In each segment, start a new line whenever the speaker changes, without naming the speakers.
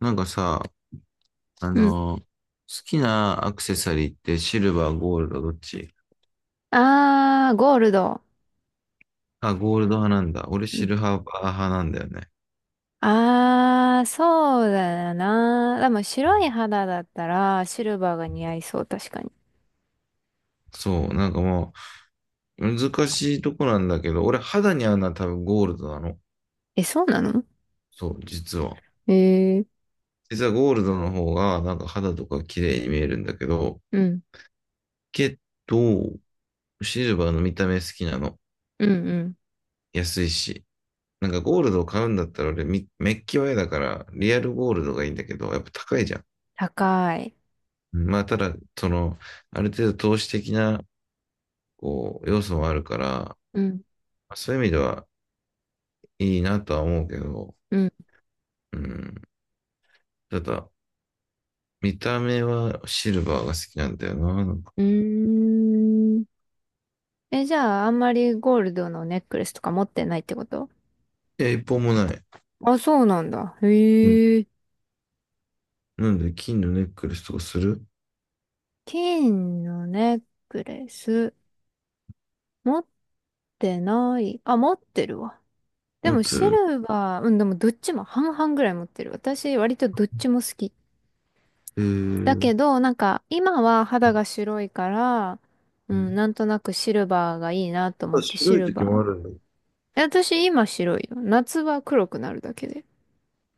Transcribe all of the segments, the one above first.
なんかさ、
うん。
好きなアクセサリーってシルバー、ゴールド、どっち？
あー、ゴールド。
あ、ゴールド派なんだ。俺
う
シ
ん。
ルバー派なんだよね。
あー、そうだな。でも白い肌だったらシルバーが似合いそう、確かに。
そう、なんかもう、難しいとこなんだけど、俺肌に合うのは多分ゴールドなの。
え、そうなの？
そう、実は。
えー、
実はゴールドの方が、なんか肌とか綺麗に見えるんだけど、
うん、
けど、シルバーの見た目好きなの。
うん、うん。
安いし。なんかゴールドを買うんだったら俺みメッキは嫌だから、リアルゴールドがいいんだけど、やっぱ高いじゃん。
高い。
まあ、ただ、その、ある程度投資的な、こう、要素もあるから、
うん、
そういう意味ではいいなとは思うけど、
うん。
うん。ただ、見た目はシルバーが好きなんだよな。なんか、
うーん。え、じゃあ、あんまりゴールドのネックレスとか持ってないってこと？
いや、一本もない。
あ、そうなんだ。
うん。
へえ。
なんで、金のネックレスとかする？
金のネックレス、持ってない。あ、持ってるわ。で
持っ
も
て
シ
る。
ルバー、うん、でもどっちも半々ぐらい持ってる。私割とどっちも好き。
え
だ
ー、
けど、なんか今は肌が白いから、う
う
ん、
ん、
なんとなくシルバーがいいなと思
あ、
ってシ
白い
ルバ
時も
ー。
あるんだ。
え、私今白いよ。夏は黒くなるだけで。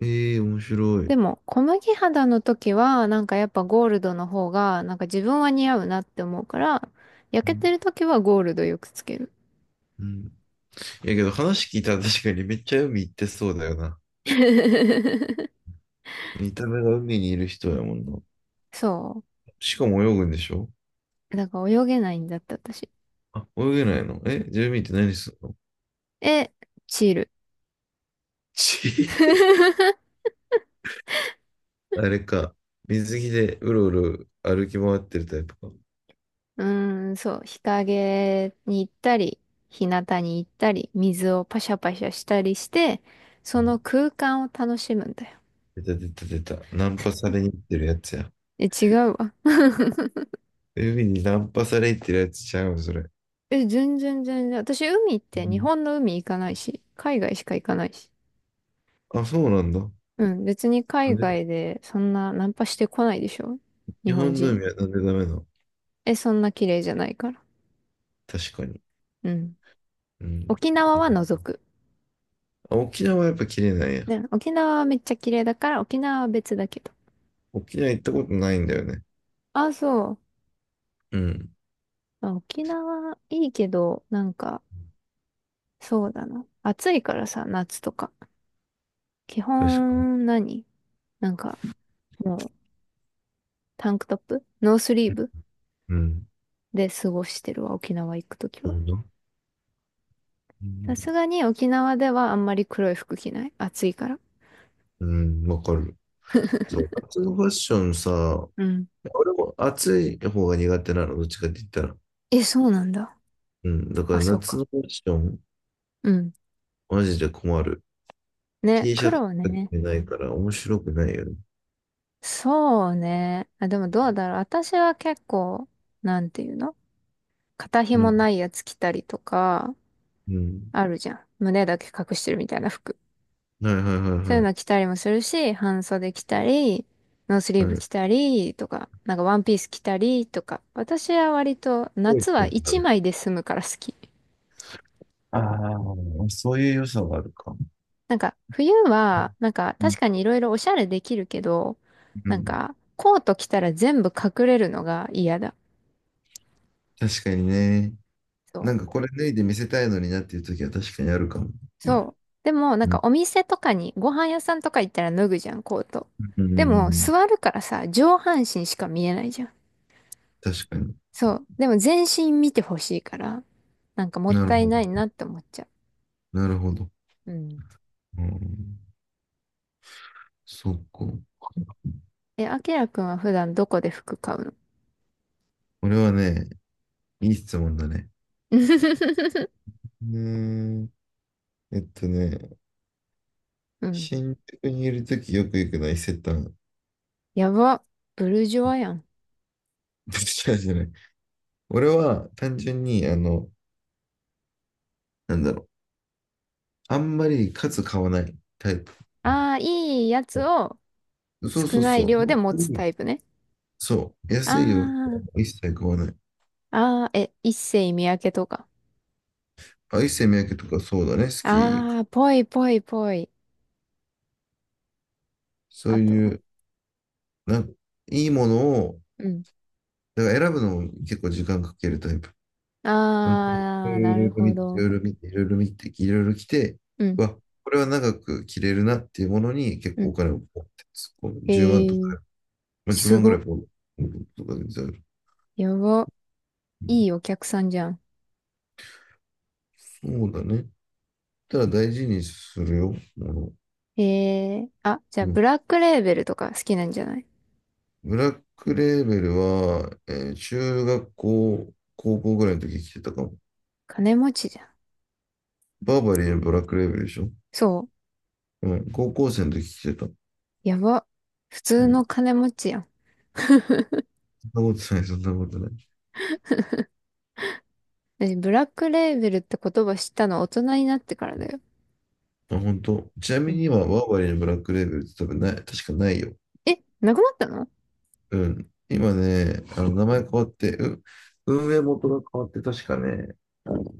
ええー、面白
で
い。
も小麦肌の時はなんかやっぱゴールドの方がなんか自分は似合うなって思うから、
う
焼けて
ん、
る時はゴールドよくつける。
うん。いやけど話聞いたら確かにめっちゃ海行ってそうだよな。見た目が海にいる人やもんな。
そ
しかも泳ぐんでしょ？
う。だから泳げないんだって私。
あ、泳げないの？え、住民って何するの？
え、チール。
ち あれか。水着でうろうろ歩き回ってるタイプか。う
うーん、そう、日陰に行ったり、日向に行ったり、水をパシャパシャしたりして、その
ん、
空間を楽しむんだよ。
出た出た出た。ナンパされに行ってるやつや。
え、違うわ。
海にナンパされに行ってるやつちゃうそれ。
え、全然全然。私、海っ
う
て日
ん、
本の海行かないし、海外しか行かないし。
あ、そうなんだ。
うん、別に
な
海
んで
外でそんなナンパしてこないでしょ？日
日
本
本の
人。
海はなんでダメなの？
え、そんな綺麗じゃないから。
確かに。
うん。
うん。
沖縄は除く。
あ、沖縄はやっぱ綺麗なんや。
ね、沖縄はめっちゃ綺麗だから、沖縄は別だけど。
沖縄行ったことないんだよね。
あ、そう。
うん。
まあ沖縄いいけど、なんか、そうだな。暑いからさ、夏とか。基
確かに。
本何、なんか、もう、タンクトップノースリーブ
うん。
で過ごしてるわ、沖縄行くとき
そ
は。
うだ。う
さす
ん、
がに沖縄ではあんまり黒い服着ない。暑いから。
うん、わかる。そう。夏のファッションさ、
うん。
俺も暑い方が苦手なの、どっちかって言ったら。
え、そうなんだ。
うん、だから
あ、そう
夏
か。
のファッション、
うん。
マジで困る。
ね、
T シャツ
黒
着
ね。
てないから面白くないよね。
そうね。あ、でもどうだろう。私は結構、なんていうの？肩
う
紐な
ん、
いやつ着たりとか、
うん。
あるじゃん。胸だけ隠してるみたいな服。
はいはい
そういう
は
の着たりもするし、半袖着たり、ノースリ
い
ー
はい。
ブ
はい。
着たりとか、なんかワンピース着たりとか。私は割と
こう言
夏は
ってた
一
の？
枚で済むから好き。
ああ、そういう良さはあるか。
なんか冬は、なんか
うん、
確かにいろいろおしゃれできるけど、
う
なん
ん、
かコート着たら全部隠れるのが嫌だ。
確かにね。
そ
なんか
う。
これ脱いで見せたいのになっていう時は確かにあるかも。
そう。でもなん
う
か
ん、
お店とかに、ご飯屋さんとか行ったら脱ぐじゃん、コート。
うん、う
で
ん、う
も
ん、
座るからさ、上半身しか見えないじゃん。
確かに。
そう。でも全身見てほしいから、なんかもっ
なる
たい
ほど。
ないなって思っちゃ
なるほど。
う。うん。
うん、そっか。
え、あきらくんは普段どこで服買うの？
これはね、いい質問だね。うーん。えっとね、
うん。
新宿にいるときよく行くのは伊勢丹。
やば。ブルジョワや ん。
違うじゃない。俺は単純に、なんだろう。あんまり数買わないタイプ。
ああ、いいやつを
そう
少
そう
ない
そう。
量で持
う
つ
ん、
タイプね。
そう。安い洋服は
あ
一切買わない。
あ、ああ、え、一世三宅とか。
あ、一世三宅とかそうだね。好き。
ああ、ぽいぽいぽい。
そ
あ
う
と
い
は。
う、なんか、いいものを、
うん。
だから選ぶのも結構時間かけるタイプ。
あ
うん、い
あ、
ろ
な
い
る
ろ見
ほ
て、い
ど。
ろいろ見て、いろいろ見て、いろいろ来て、
うん、
うわ、これは長く着れるなっていうものに結
う
構お
ん。
金をポンって突っ込む。
へ
10万と
え、
か、まあ、10
す
万ぐらい
ご。
ポンとかで出る。
やば。いいお客さんじゃん。
そうだね。ただ大事にするよ、もの。
へえ、あ、じゃあ、
う
ブ
ん、
ラックレーベルとか好きなんじゃない？
ブラックレーベルは、中学校、高校ぐらいの時着てたかも。
金持ちじゃん。
バーバリーのブラックレーベルでしょ？
そう。
うん、高校生の時着てた。
やば。普通
う
の
ん、
金持ちやん。
そんなことない、そんなことない。
私、ブラックレーベルって言葉知ったの大人になってからだよ。
あ、本当。ちな
う
み
ん、
に今、ワーバリーのブラックレーベルって多分ない、確かないよ。
え、なくなったの？
うん。今ね、名前変わって、運営元が変わって、確かね、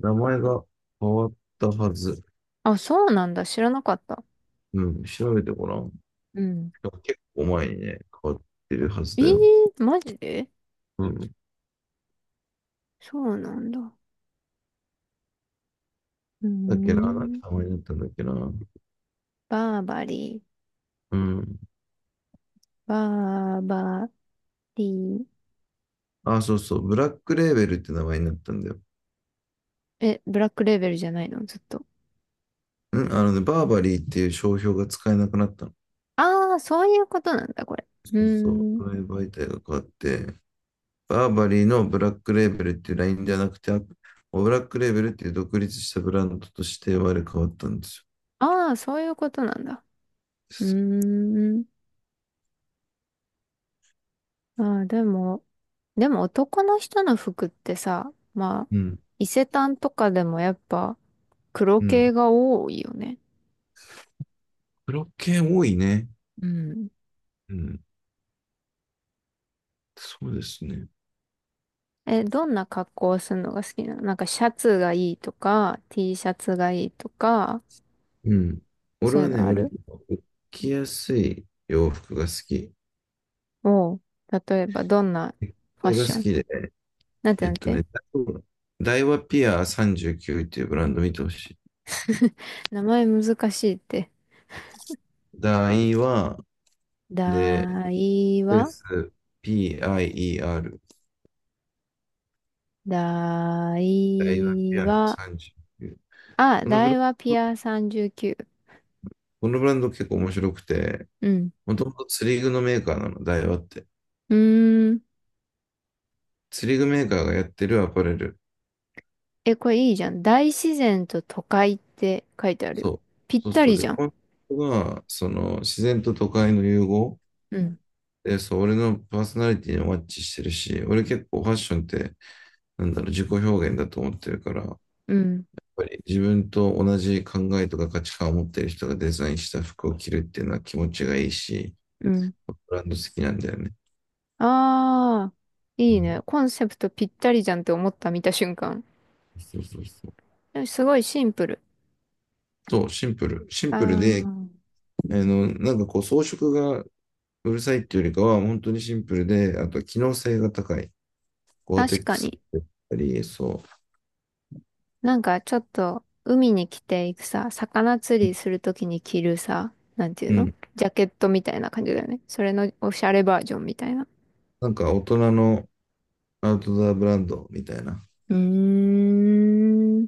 名前が変わったはず。
あ、そうなんだ。知らなかった。
うん。調べてごらん。
うん。
結構前にね、変わってるはず
え
だよ。
ー、マジで？
うん。
そうなんだ。うー
だっけな、なんて
ん。
名前になったんだっけな。
バーバリー。
うん。
バーバリー。
あ、そうそう。ブラックレーベルって名前になったんだよ。
え、ブラックレーベルじゃないの、ずっと？
うん。あのね、バーバリーっていう商標が使えなくなったの。
ああ、そういうことなんだ、これ。う
そうそう。
ーん。
この媒体が変わって、バーバリーのブラックレーベルっていうラインじゃなくて、ブラックレーベルっていう独立したブランドとして我々変わったんです
ああ、そういうことなんだ。う
よ。
ーん。ああ、でも、でも男の人の服ってさ、まあ、
うん、
伊勢丹とかでもやっぱ黒
う
系
ん。
が多いよね。
ブロッケ多いね。
うん。
うん、そうですね。
え、どんな格好をするのが好きなの？なんかシャツがいいとか、T シャツがいいとか、
うん。俺
そういう
はね、
のあ
割
る？
と着やすい洋服が好き。
おう。例えばどんなファッ
絵が
シ
好
ョン？
きで、
なんて
え
な
っ
ん
と
て？
ね、ダイワピア39っていうブランド見てほしい。
名前難しいって。
ダイワで、
だい
スペー
わ、
ス PIER、
だ
ダイワピ
い
ア
わ、
39。
あ、
このブラ
大
ン
和ピア39。
このブランド結構面白くて、
うん。
もともと釣り具のメーカーなの、ダイワって。
うーん。
釣り具メーカーがやってるアパレル。
え、これいいじゃん。大自然と都会って書いてある
そ
よ。
う。
ぴっ
そうす
た
ると、
り
で、
じゃん。
コンセプトが、その、自然と都会の融合。
うん。
で、そう、俺のパーソナリティにマッチしてるし、俺結構ファッションって、なんだろう、自己表現だと思ってるから、やっ
うん。
ぱり自分と同じ考えとか価値観を持ってる人がデザインした服を着るっていうのは気持ちがいいし、
うん。
ブランド好きなんだよね。
ああ、
う
いいね。
ん、
コンセプトぴったりじゃんって思った見た瞬間。
そうそうそう。
すごいシンプル。
そう、シンプル。シ
あ
ンプルで、
あ、
なんかこう装飾がうるさいっていうよりかは、本当にシンプルで、あとは機能性が高い。ゴアテ
確
ッ
か
クスだ
に。
ったり、そ
なんかちょっと海に着ていくさ、魚釣り
う。
するときに着るさ、なんていう
う
の？
ん。
ジャケットみたいな感じだよね。それのおしゃれバージョンみたいな。
なんか大人のアウトドアブランドみたいな。
うーん。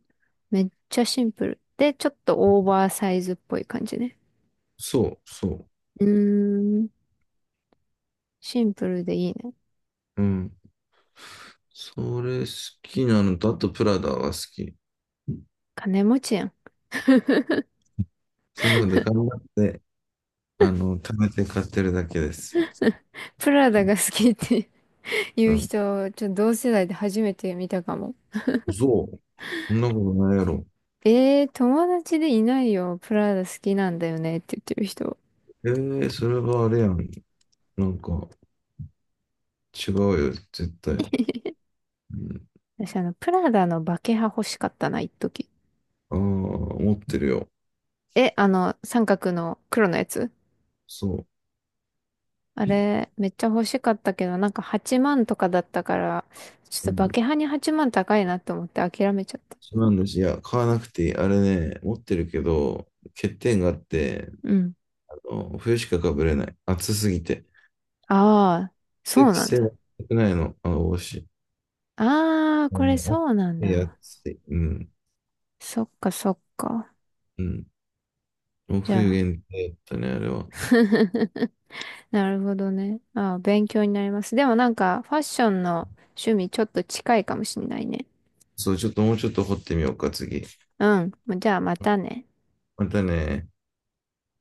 めっちゃシンプル。で、ちょっとオーバーサイズっぽい感じね。
そう、そ
うーん。シンプルでいいね。
う。うん。それ好きなのと、あとプラダは好き。
金持ちやん。
そんなことで頑張って、貯めて買ってるだけです。
プラダが
う
好きって いう
ん。
人、ちょっと同世代で初めて見たかも。
そう。そんなことないやろ。
えー、友達でいないよ。プラダ好きなんだよねって言ってる人。
ええー、それはあれやん。なんか違うよ、絶対。うん、
私、あの、プラダのバケハ欲しかったな、一時。
ああ、持ってるよ。
え、あの、三角の黒のやつ？
そ
あれ、めっちゃ欲しかったけど、なんか8万とかだったから、ちょっ
う。う
とバ
ん。
ケハに8万高いなと思って諦めちゃった。
そうなんです。いや、買わなくていい。あれね、持ってるけど、欠点があって、
うん。
冬しかかぶれない。暑すぎて。
ああ、
空
そう
気
なん
性は
だ。
少ないの。あの、帽子。
ああ、
あ
これ
の、
そうなん
暑い、
だ。
暑い。うん。
そっかそっか。
うん。もう
じゃ
冬
あ。
限定だったね、あれは。
なるほどね。ああ、勉強になります。でもなんか、ファッションの趣味ちょっと近いかもしんないね。
そう、ちょっともうちょっと掘ってみようか、次。
うん。じゃあまたね。
またね。